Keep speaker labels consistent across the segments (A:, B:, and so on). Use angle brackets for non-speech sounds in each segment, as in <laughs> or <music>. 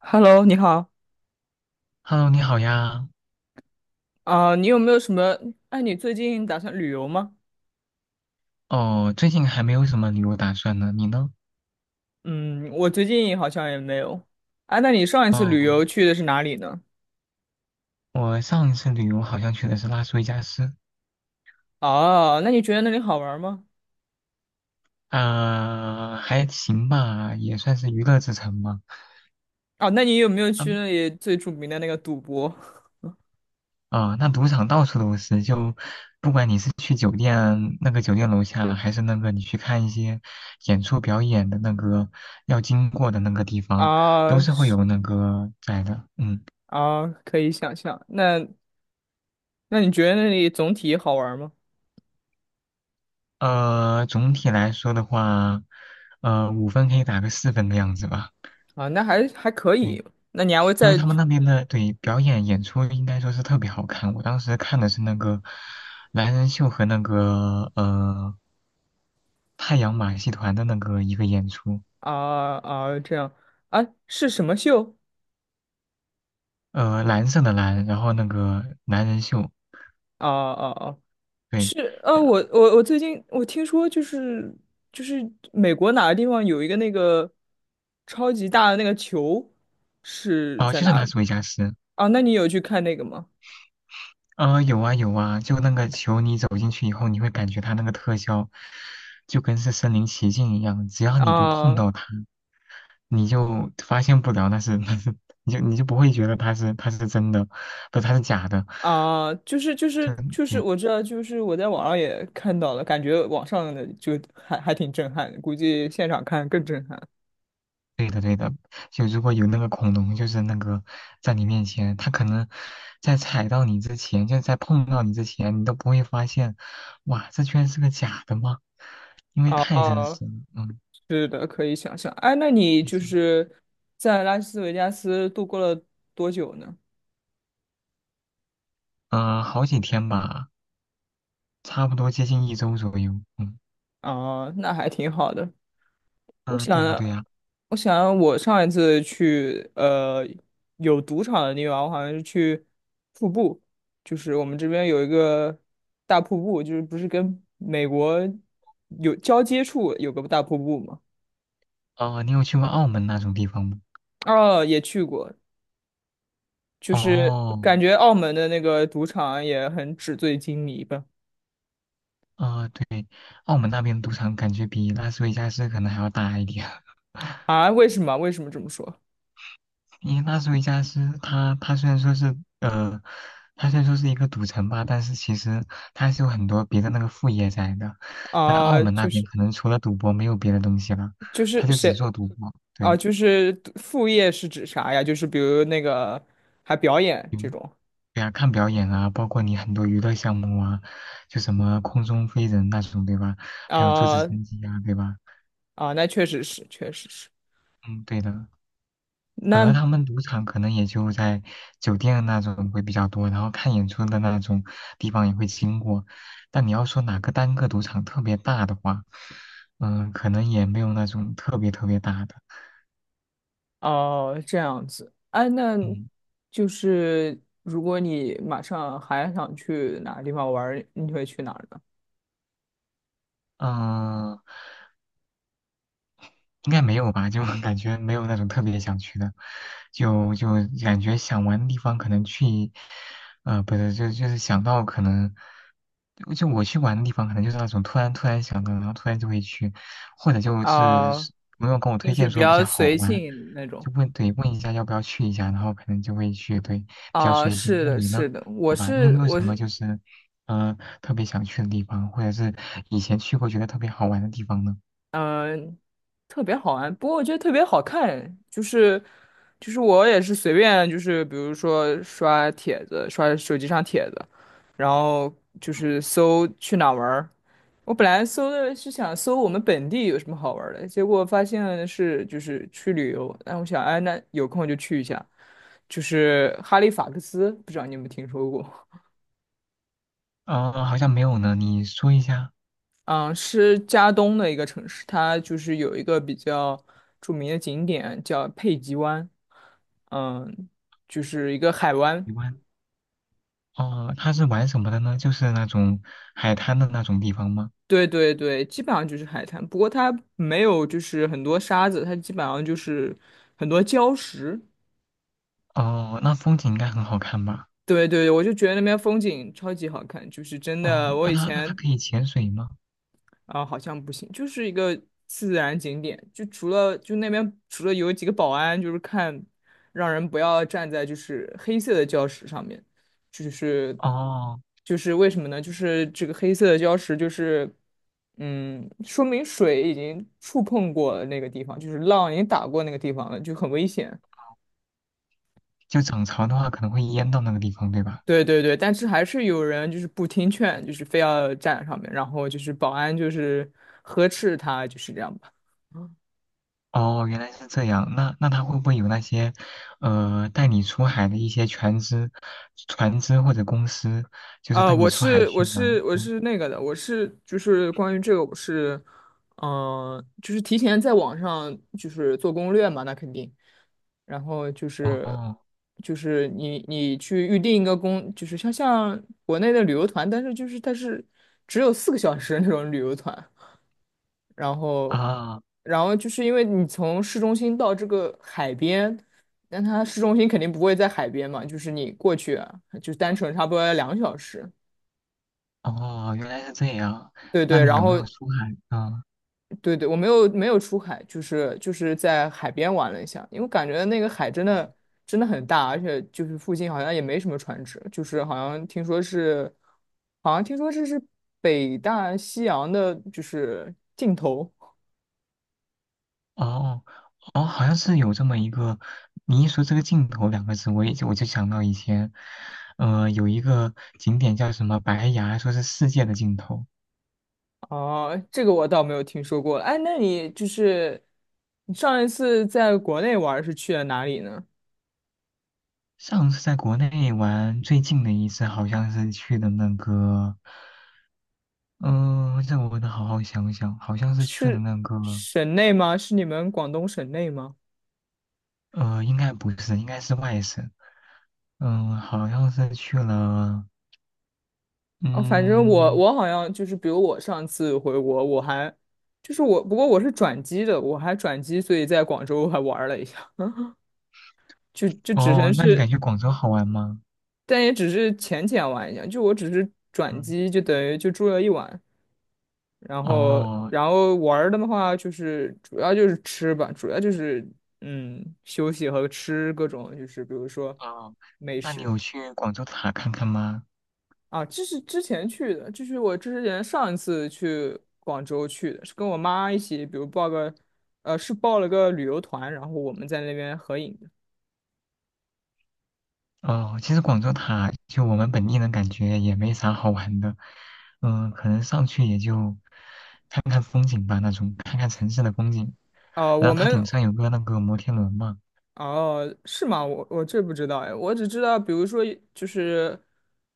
A: Hello，你好。
B: Hello，你好呀。
A: 啊，你有没有什么？哎，你最近打算旅游吗？
B: 哦，最近还没有什么旅游打算呢，你呢？
A: 嗯，我最近好像也没有。啊，那你上一次旅
B: 哦，
A: 游去的是哪里呢？
B: 我上一次旅游好像去的是拉斯维加斯。
A: 哦，那你觉得那里好玩吗？
B: 啊、还行吧，也算是娱乐之城嘛。
A: 哦，那你有没有
B: 那
A: 去
B: 边
A: 那里最著名的那个赌博？
B: 啊、那赌场到处都是，就不管你是去酒店楼下，还是那个你去看一些演出表演的那个要经过的那个地方，都
A: 啊，
B: 是会
A: 是
B: 有那个在的。嗯。
A: 啊，可以想象。那你觉得那里总体好玩吗？
B: 总体来说的话，五分可以打个四分的样子吧。
A: 啊，那还可
B: 对，
A: 以。那你还会
B: 因为
A: 再。
B: 他们那边的对表演演出应该说是特别好看。我当时看的是那个男人秀和那个太阳马戏团的那个一个演出，
A: 啊啊，这样。啊？是什么秀？
B: 蓝色的蓝，然后那个男人秀，
A: 啊啊啊！
B: 对，
A: 是，
B: 呃
A: 我最近我听说就是就是美国哪个地方有一个那个超级大的那个球是
B: 哦，
A: 在
B: 就是
A: 哪
B: 拉
A: 里。
B: 斯维加斯。
A: 啊？那你有去看那个吗？
B: 有啊有啊，就那个球，你走进去以后，你会感觉它那个特效就跟是身临其境一样，只要你不碰
A: 啊
B: 到它。你就发现不了那是 <laughs> 那是，你就不会觉得它是真的，不它是假的，
A: 啊，就是就
B: 就
A: 是就是，
B: 对
A: 我知道，就是我在网上也看到了，感觉网上的就还挺震撼的，估计现场看更震撼。
B: 对的对的。就如果有那个恐龙就是那个在你面前，它可能在踩到你之前，就在碰到你之前，你都不会发现，哇，这居然是个假的吗？因为太真
A: 啊，
B: 实了，嗯，
A: 是的，可以想象。哎，那你
B: 毕
A: 就
B: 竟，
A: 是在拉斯维加斯度过了多久呢？
B: 嗯、好几天吧，差不多接近一周左右，嗯
A: 啊，那还挺好的。我
B: 嗯、对呀、
A: 想，
B: 对呀、
A: 我想，我上一次去有赌场的地方，我好像是去瀑布，就是我们这边有一个大瀑布，就是不是跟美国有交接处有个大瀑布吗？
B: 哦、你有去过澳门那种地方吗？
A: 哦，也去过，就是
B: 哦，
A: 感觉澳门的那个赌场也很纸醉金迷吧？
B: 啊，对，澳门那边赌场感觉比拉斯维加斯可能还要大一点，<laughs>
A: 啊，为什么？为什么这么说？
B: 因为拉斯维加斯它虽然说是它虽然说是一个赌城吧，但是其实它还是有很多别的那个副业在的，但澳
A: 啊，
B: 门那
A: 就
B: 边
A: 是。
B: 可能除了赌博没有别的东西了，
A: 就是
B: 它就只
A: 谁
B: 做赌博，
A: 啊？
B: 对。
A: 就是副业是指啥呀？就是比如那个还表演这
B: 嗯
A: 种。
B: 对啊，看表演啊，包括你很多娱乐项目啊，就什么空中飞人那种，对吧？还有坐直
A: 啊
B: 升机啊，对吧？
A: 啊，那确实是，确实是。
B: 嗯，对的。反而
A: 那。
B: 他们赌场可能也就在酒店那种会比较多，然后看演出的那种地方也会经过。但你要说哪个单个赌场特别大的话，嗯，可能也没有那种特别特别大的。
A: 哦，这样子。哎，那
B: 嗯
A: 就是如果你马上还想去哪个地方玩儿你会去哪儿呢？
B: 嗯，应该没有吧？就 <laughs> 感觉没有那种特别想去的，就感觉想玩的地方可能去，不是，就是想到可能，就我去玩的地方可能就是那种突然想到，然后突然就会去，或者就是
A: 啊，
B: 是朋友跟我
A: 就
B: 推
A: 是
B: 荐
A: 比
B: 说比
A: 较
B: 较好
A: 随
B: 玩，
A: 性那种。
B: 就问对问一下要不要去一下，然后可能就会去，对，比较
A: 啊，
B: 随性。
A: 是
B: 那
A: 的，
B: 你呢？
A: 是的。我
B: 对吧？你有
A: 是
B: 没有
A: 我
B: 什么
A: 是
B: 就是，特别想去的地方，或者是以前去过觉得特别好玩的地方呢？
A: 嗯、呃特别好玩，不过我觉得特别好看，就是我也是随便，就是比如说刷帖子，刷手机上帖子，然后就是搜去哪儿玩儿。我本来搜的是想搜我们本地有什么好玩儿的，结果发现是就是去旅游，但我想，哎，那有空就去一下，就是哈利法克斯，不知道你有没有听说过？
B: 哦，好像没有呢，你说一下。
A: 嗯，是加东的一个城市，它就是有一个比较著名的景点叫佩吉湾，嗯，就是一个海湾。
B: 你问。哦，他是玩什么的呢？就是那种海滩的那种地方吗？
A: 对对对，基本上就是海滩，不过它没有就是很多沙子，它基本上就是很多礁石。
B: 哦，那风景应该很好看吧？
A: 对对，我就觉得那边风景超级好看，就是真的，
B: 哦，
A: 我
B: 那
A: 以
B: 他那他
A: 前
B: 可以潜水吗？
A: 啊。好像不行，就是一个自然景点，就那边除了有几个保安，就是看让人不要站在就是黑色的礁石上面。就是
B: 哦，
A: 就是为什么呢？就是这个黑色的礁石就是嗯，说明水已经触碰过了那个地方，就是浪已经打过那个地方了，就很危险。
B: 就涨潮的话可能会淹到那个地方，对吧？
A: 对对对，但是还是有人就是不听劝，就是非要站上面，然后就是保安就是呵斥他，就是这样吧。
B: 哦，原来是这样。那他会不会有那些，带你出海的一些船只或者公司，就是带你
A: 我
B: 出海
A: 是我
B: 去
A: 是
B: 玩？
A: 我
B: 嗯，
A: 是那个的，我是就是关于这个，我是，嗯、就是提前在网上就是做攻略嘛，那肯定。然后就是
B: 哦
A: 就是你去预定一个公，就是像国内的旅游团，但是就是它是只有4个小时那种旅游团。然后
B: 啊
A: 然后就是因为你从市中心到这个海边，但它市中心肯定不会在海边嘛，就是你过去啊就单程差不多要2个小时。
B: 哦，原来是这样。
A: 对
B: 那
A: 对，
B: 你
A: 然
B: 有没有
A: 后
B: 出海？嗯。
A: 对对，我没有没有出海，就是在海边玩了一下，因为感觉那个海真
B: 哦
A: 的真的很大，而且就是附近好像也没什么船只，就是好像听说这是北大西洋的，就是尽头。
B: 哦哦，好像是有这么一个，你一说这个镜头两个字，我就想到以前，有一个景点叫什么白崖，说是世界的尽头。
A: 哦，这个我倒没有听说过。哎，那你就是你上一次在国内玩儿是去了哪里呢？
B: 上次在国内玩最近的一次，好像是去的那个，嗯、这我得好好想想，好像是去了
A: 是
B: 那个，
A: 省内吗？是你们广东省内吗？
B: 呃，应该不是，应该是外省，嗯、好像是去了，
A: 啊，反正我
B: 嗯，
A: 我好像就是，比如我上次回国，我还就是我，不过我是转机的，我还转机，所以在广州还玩了一下，就只能
B: 哦，那你感
A: 是，
B: 觉广州好玩吗？
A: 但也只是浅浅玩一下，就我只是转
B: 嗯。
A: 机，就等于就住了一晚。然后
B: 哦，
A: 然后玩儿的话就是主要就是吃吧，主要就是休息和吃各种就是比如说
B: 哦，
A: 美
B: 那你
A: 食。
B: 有去广州塔看看吗？
A: 啊，这是之前去的，这是我之前上一次去广州去的，是跟我妈一起，比如是报了个旅游团，然后我们在那边合影的。
B: 哦，其实广州塔就我们本地人感觉也没啥好玩的，嗯、可能上去也就看看风景吧，那种看看城市的风景。
A: 哦、
B: 然
A: 我
B: 后它
A: 们。
B: 顶上有个那个摩天轮嘛。
A: 哦，是吗？我这不知道哎，我只知道，比如说就是，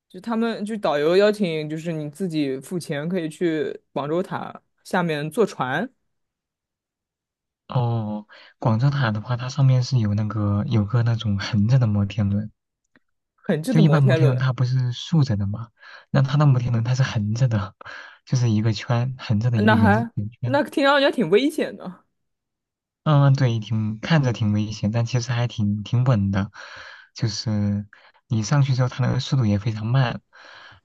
A: 就他们就导游邀请，就是你自己付钱可以去广州塔下面坐船，
B: 哦，广州塔的话，它上面是有个那种横着的摩天轮，
A: 很近的
B: 就一
A: 摩
B: 般摩
A: 天
B: 天轮
A: 轮。
B: 它不是竖着的嘛，那它的摩天轮它是横着的，<laughs> 就是一个圈横着的一个
A: 那
B: 圆着
A: 还
B: 圆
A: 那
B: 圈。
A: 听上去还挺危险的。
B: 嗯，对，挺看着挺危险，但其实还挺稳的。就是你上去之后，它那个速度也非常慢，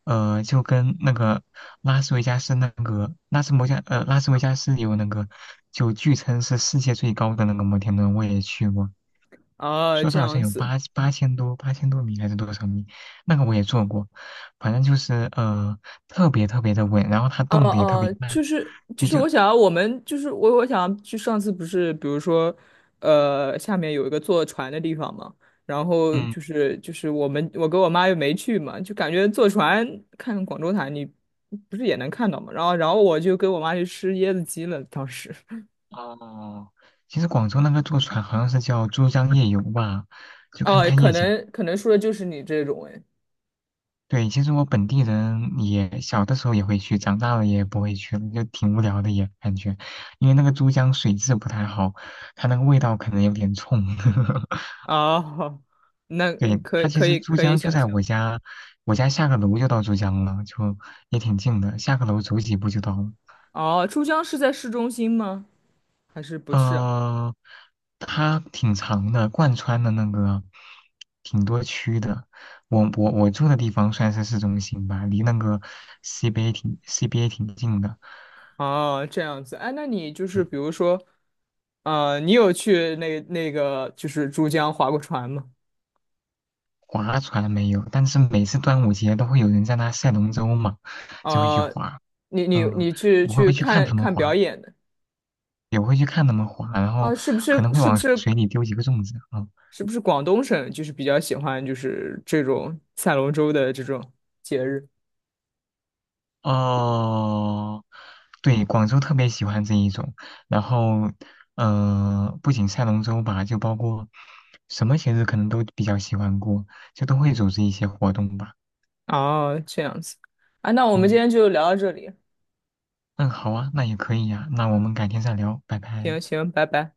B: 就跟那个拉斯维加斯那个拉斯维加斯有那个，就据称是世界最高的那个摩天轮，我也去过，
A: 啊，
B: 说是
A: 这
B: 好
A: 样
B: 像有
A: 子。
B: 八千多米还是多少米，那个我也坐过，反正就是特别特别的稳，然后它动的也特别慢，
A: 就是就
B: 所以
A: 是，
B: 就
A: 我想要去上次不是，比如说，下面有一个坐船的地方嘛，然后
B: 嗯。
A: 就是我跟我妈又没去嘛，就感觉坐船看广州塔，你不是也能看到嘛？然后我就跟我妈去吃椰子鸡了，当时。
B: 哦，其实广州那个坐船好像是叫珠江夜游吧，就看
A: 哦，
B: 看
A: 可
B: 夜景。
A: 能可能说的就是你这种哎。
B: 对，其实我本地人也小的时候也会去，长大了也不会去了，就挺无聊的也感觉，因为那个珠江水质不太好，它那个味道可能有点冲。<laughs>
A: 哦，那
B: 对，
A: 可
B: 它
A: 以
B: 其
A: 可
B: 实
A: 以
B: 珠
A: 可以
B: 江就
A: 想
B: 在
A: 象。
B: 我家，我家下个楼就到珠江了，就也挺近的，下个楼走几步就到了。
A: 哦，珠江是在市中心吗？还是不是啊？
B: 呃，它挺长的，贯穿的那个挺多区的。我住的地方算是市中心吧，离那个 CBA 挺 CBA 挺近的。
A: 哦，这样子，哎，那你就是
B: 对
A: 比如说，你有去那个就是珠江划过船吗？
B: 划船没有，但是每次端午节都会有人在那赛龙舟嘛，就会去
A: 呃，
B: 划。
A: 你你
B: 嗯，
A: 你去
B: 我
A: 去
B: 会去看
A: 看
B: 他们
A: 看表
B: 划，
A: 演的。
B: 也会去看他们划，然后
A: 啊，是不
B: 可
A: 是
B: 能会
A: 是不
B: 往
A: 是
B: 水里丢几个粽子。嗯
A: 是不是广东省就是比较喜欢就是这种赛龙舟的这种节日？
B: 哦，对，广州特别喜欢这一种。然后，嗯，不仅赛龙舟吧，就包括什么节日可能都比较喜欢过，就都会组织一些活动吧。
A: 哦，这样子，啊，那我们今
B: 嗯，
A: 天就聊到这里，
B: 嗯，好啊，那也可以呀、那我们改天再聊，拜
A: 行
B: 拜。
A: 行，拜拜。